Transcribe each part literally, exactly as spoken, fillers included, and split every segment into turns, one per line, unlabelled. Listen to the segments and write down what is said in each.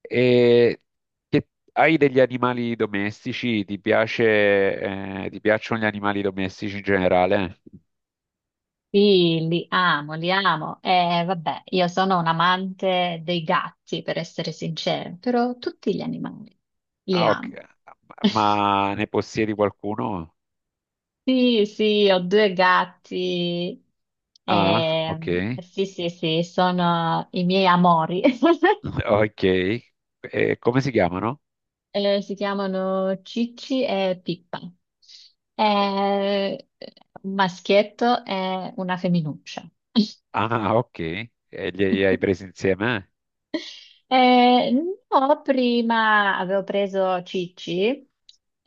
E che hai degli animali domestici? Ti piace, eh, ti piacciono gli animali domestici in generale?
Sì, li amo, li amo. Eh, vabbè, io sono un amante dei gatti, per essere sincera, però tutti gli animali li
Ah, ok.
amo.
Ma ne possiedi qualcuno?
Sì, sì, ho due gatti.
Ah, ok.
Ehm, sì, sì, sì, sono i miei amori.
Ok. E come si chiamano?
Eh, si chiamano Cicci e Pippa. Eh, un maschietto e una femminuccia.
Ah, ok. E li, li hai presi insieme?
Eh, no, prima avevo preso Cicci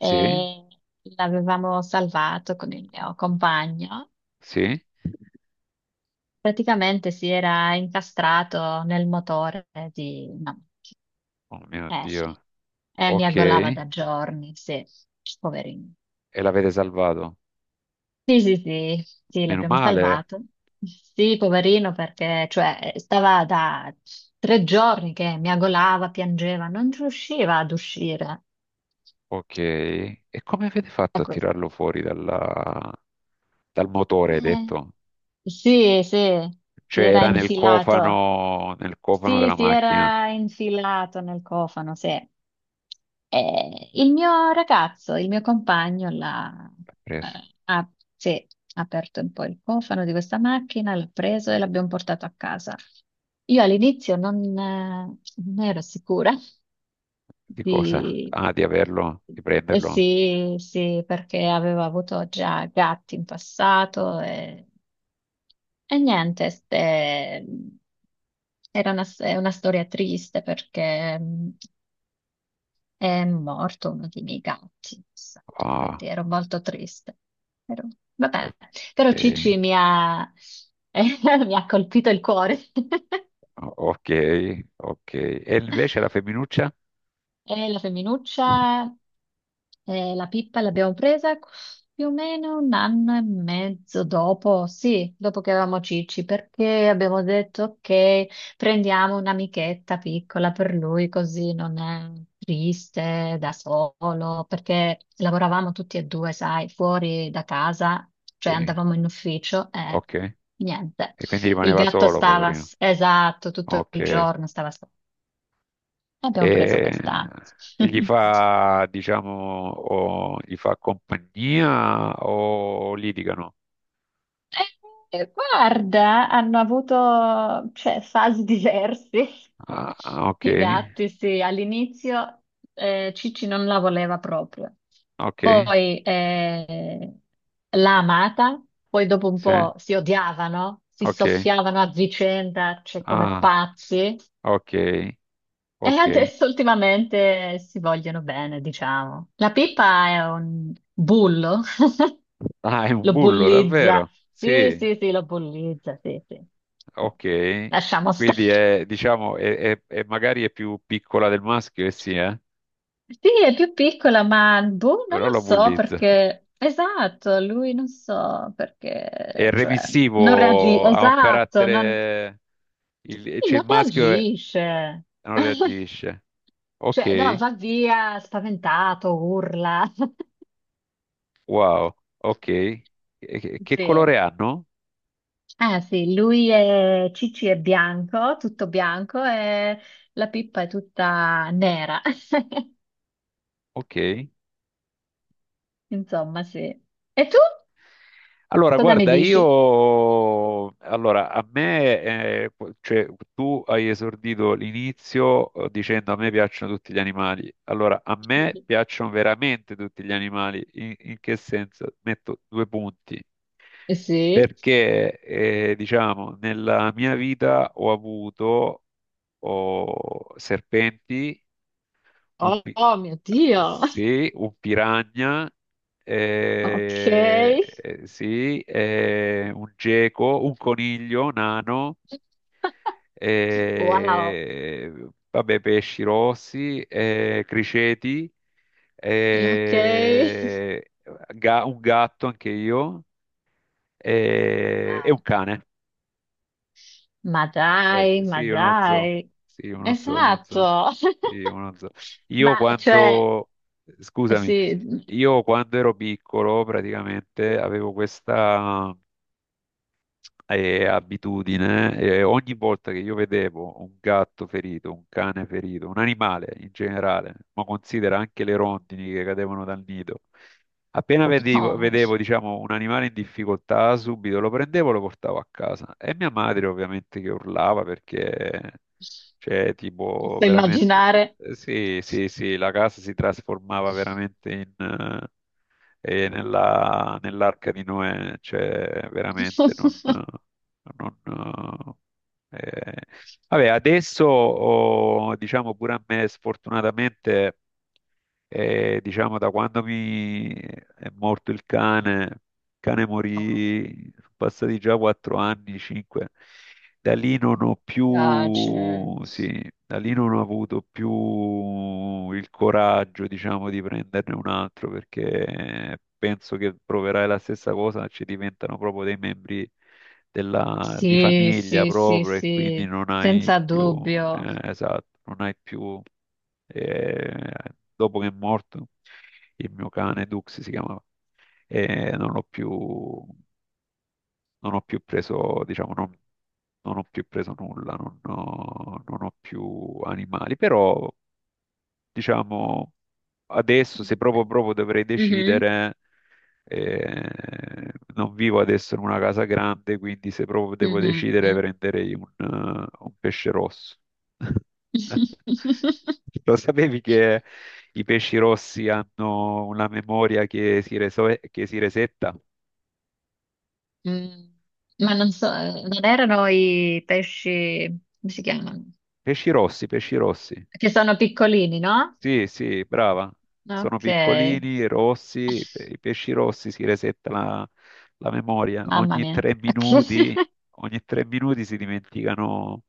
Sì,
l'avevamo salvato con il mio compagno.
sì.
Praticamente si era incastrato nel motore di... No,
Oh mio
eh sì,
Dio.
e mi
Ok.
aggolava
E
da giorni, sì, poverino.
l'avete salvato.
Sì, sì, sì, sì,
Meno
l'abbiamo
male.
salvato. Sì, poverino, perché cioè, stava da tre giorni che mi aggolava, piangeva, non riusciva ad uscire.
Ok, e come avete fatto a tirarlo fuori dalla- dal motore, hai
Eh,
detto?
sì, sì, si
Cioè
era
era nel
infilato.
cofano, nel cofano
Sì,
della
si
macchina.
era infilato nel cofano, sì. Eh, il mio ragazzo, il mio compagno, l'ha,
L'ha preso.
eh, ha, sì, ha aperto un po' il cofano di questa macchina, l'ha preso e l'abbiamo portato a casa. Io all'inizio non, eh, non ero sicura
Di cosa?
di...
Ah, di averlo, di
eh,
prenderlo.
sì, sì, perché avevo avuto già gatti in passato e e niente, ste- era una, è una storia triste perché mm, è morto uno dei miei gatti, esatto, quindi
Ah,
ero molto triste. Ero- vabbè,
ok,
però Cici mi ha, mi ha colpito il cuore.
O- ok, ok. E invece la femminuccia?
E la
Sì,
femminuccia? Eh, la Pippa l'abbiamo presa più o meno un anno e mezzo dopo, sì, dopo che avevamo Cicci, perché abbiamo detto che prendiamo un'amichetta piccola per lui, così non è triste da solo, perché lavoravamo tutti e due, sai, fuori da casa, cioè andavamo in ufficio e
ok.
niente.
E quindi
Il
rimaneva
gatto
solo,
stava,
poverino.
esatto, tutto il
Ok.
giorno stava sotto.
E,
Abbiamo preso questa.
e gli fa, diciamo, o gli fa compagnia o litigano?
Eh, Guarda, hanno avuto, cioè, fasi diverse.
Ah, ah, ok,
I gatti, sì, all'inizio eh, Cicci non la voleva proprio,
ok,
poi eh, l'ha amata, poi dopo un
sì,
po' si odiavano, si
ok.
soffiavano a vicenda, cioè come
Ah.
pazzi,
Ok,
e
ok.
adesso ultimamente si vogliono bene, diciamo. La Pippa è un bullo,
Ah, è un
lo
bullo,
bollizza.
davvero?
Sì,
Sì,
sì, sì, lo bollizza, sì, sì. Sì.
ok.
Lasciamo stare.
Quindi è, diciamo, è, è- è- magari è più piccola del maschio, e sì, eh?
Sì, è più piccola, ma boh, non
Però
lo
lo
so
bullizza.
perché... Esatto, lui non so
È
perché, cioè, non reagisce,
remissivo, ha un
esatto, non,
carattere... Il,
sì,
cioè
non
il maschio è-
reagisce.
non reagisce.
Cioè, no,
Ok,
va via spaventato, urla.
wow, ok. E- Che, che
Sì.
colore hanno?
Ah, sì, lui è Cici è bianco, tutto bianco e la Pippa è tutta nera.
Ok.
Insomma, sì. E tu
Allora,
cosa ne
guarda,
dici?
io, allora, a me, eh, qu- cioè, tu hai esordito l'inizio eh, dicendo a me piacciono tutti gli animali. Allora, a me piacciono veramente tutti gli animali. In, in che senso? Metto due punti.
Eh, sì.
Perché, eh, diciamo, nella mia vita ho avuto oh, serpenti un
Oh,
pi-
oh, mio Dio.
sì, un piranha,
Ok.
eh, eh, sì, eh, un geco, un coniglio nano,
Wow.
eh, vabbè, pesci rossi, eh, criceti,
Ok.
eh, ga- un gatto anche io, eh, e un
Wow.
cane.
Ma dai,
Ecco,
ma
sì, uno zoo,
dai.
sì, uno zoo, uno zoo,
Esatto.
sì, uno zoo. Io
Ma cioè,
quando,
eh
scusami.
sì,
Io quando ero piccolo praticamente avevo questa eh, abitudine, eh, ogni volta che io vedevo un gatto ferito, un cane ferito, un animale in generale, ma considera anche le rondini che cadevano dal nido, appena vedevo,
no,
vedevo, diciamo, un animale in difficoltà, subito lo prendevo e lo portavo a casa. E mia madre ovviamente che urlava perché... Cioè, tipo,
posso
veramente,
immaginare.
eh, sì, sì, sì, la casa si trasformava veramente in, eh, e nella- nell'arca di Noè, cioè veramente non... non eh, vabbè, adesso oh, diciamo pure a me sfortunatamente, eh, diciamo da quando mi è morto il cane, il cane
Oh,
morì, sono passati già quattro anni, cinque. Da lì non
mi
ho
piace.
più, sì, da lì non ho avuto più il coraggio, diciamo, di prenderne un altro perché penso che proverai la stessa cosa, ci diventano proprio dei membri della, di
Sì,
famiglia
sì, sì,
proprio e quindi
sì,
non hai
senza
più,
dubbio.
eh, esatto, non hai più, eh, dopo che è morto il mio cane Dux si chiamava, eh, non l'ho più non ho più preso, diciamo, non, non ho più preso nulla, non ho, non ho più animali, però diciamo adesso se proprio proprio dovrei
Mhm,
decidere, eh, non vivo adesso in una casa grande, quindi se proprio devo
mhm.
decidere prenderei un, eh, un pesce rosso. Lo sapevi che i pesci rossi hanno una memoria che si, reso- che si resetta?
Mm, Ma non so, eh, non erano i pesci, come si chiamano?
Pesci rossi, pesci rossi.
Che sono piccolini, no?
Sì, sì, brava. Sono
Ok,
piccolini, rossi, pe- i pesci rossi si resetta la, la memoria.
mamma
Ogni
mia.
tre minuti, ogni tre minuti si dimenticano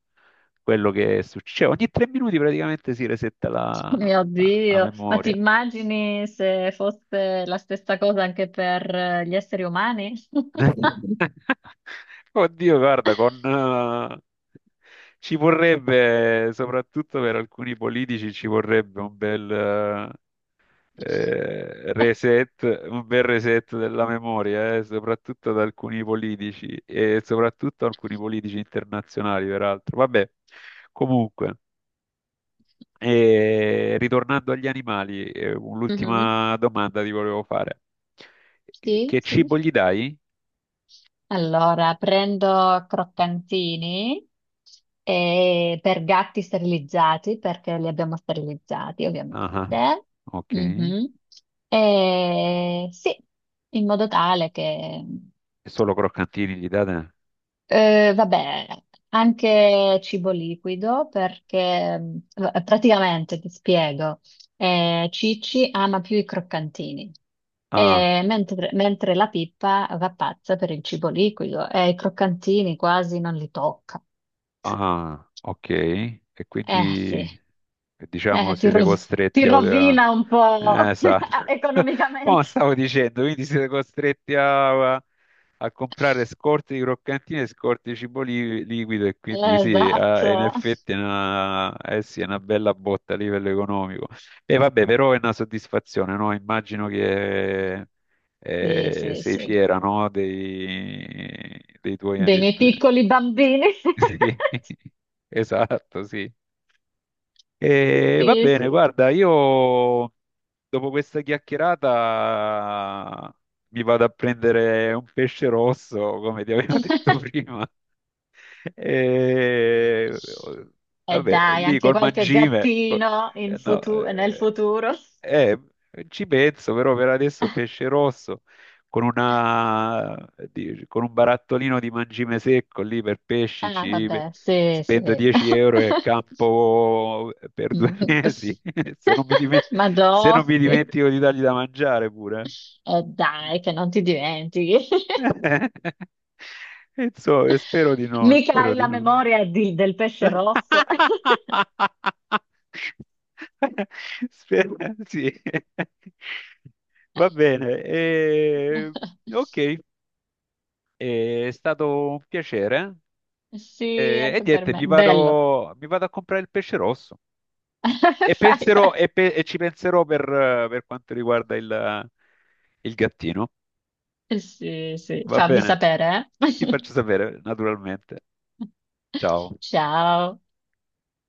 quello che succede. Cioè, ogni tre minuti praticamente si resetta la,
Ok. Mio
la- la
Dio, ma ti
memoria.
immagini se fosse la stessa cosa anche per eh, gli esseri umani?
Oddio, guarda, con, eh, ci vorrebbe, soprattutto per alcuni politici, ci vorrebbe un bel, eh, reset, un bel reset della memoria, eh, soprattutto da alcuni politici e soprattutto alcuni politici internazionali, peraltro. Vabbè, comunque, eh, ritornando agli animali, eh,
Mhm.
l'ultima domanda ti volevo fare. Che,
Sì,
che
sì.
cibo gli dai?
Allora, prendo croccantini eh, per gatti sterilizzati, perché li abbiamo sterilizzati,
Ah, ah,
ovviamente.
ok.
Mhm. E sì, in modo tale che
Solo croccantini gli date?
eh, vabbè, anche cibo liquido perché mh, v- praticamente ti spiego, eh, Cicci ama più i croccantini,
Ah.
eh, mentre, mentre la Pippa va pazza per il cibo liquido e i croccantini quasi non li tocca.
Ah, ok. E
Eh sì,
quindi diciamo
eh, ti,
siete
ro- ti
costretti a... a-
rovina un
Eh,
po'
esatto. Ma
economicamente.
stavo dicendo, quindi siete costretti a, a comprare scorte di croccantini e scorte di cibo li- liquido e quindi
Eh,
sì, eh, in
Esatto,
effetti è una, eh sì, è una bella botta a livello economico. E vabbè, però è una soddisfazione, no? Immagino che
sì,
eh,
sì,
sei
sì,
fiera, no? Dei, dei tuoi...
dei miei piccoli bambini.
Sì, esatto, sì. E va
Sì,
bene,
sì.
guarda, io dopo questa chiacchierata mi vado a prendere un pesce rosso, come ti
E
avevo detto prima. E vabbè,
dai,
lì
anche
col
qualche
mangime, col-
gattino in
eh, no,
futu- nel
eh,
futuro.
eh, ci penso, però per adesso pesce rosso con una, di- con un barattolino di mangime secco lì per pesci,
Ah,
ci
vabbè, sì,
spendo
sì.
dieci euro e campo per due
Mm.
mesi, se non mi dime-
Ma
se non mi
dossi.
dimentico di dargli da mangiare pure.
E dai, che non ti dimentichi.
Insomma, spero di no,
Mica
spero
hai
di
la
no.
memoria di- del pesce rosso.
Spera, sì. Va bene. eh, ok, eh, è stato un piacere.
Sì,
Eh, e
anche per
niente,
me.
mi
Bello.
vado, mi vado a comprare il pesce rosso
Fai,
e,
fai.
penserò, e, pe- e ci penserò per, eh, per quanto riguarda il il gattino.
Sì, sì.
Va
Fammi
bene,
sapere,
ti
eh.
faccio sapere, naturalmente. Ciao.
Ciao.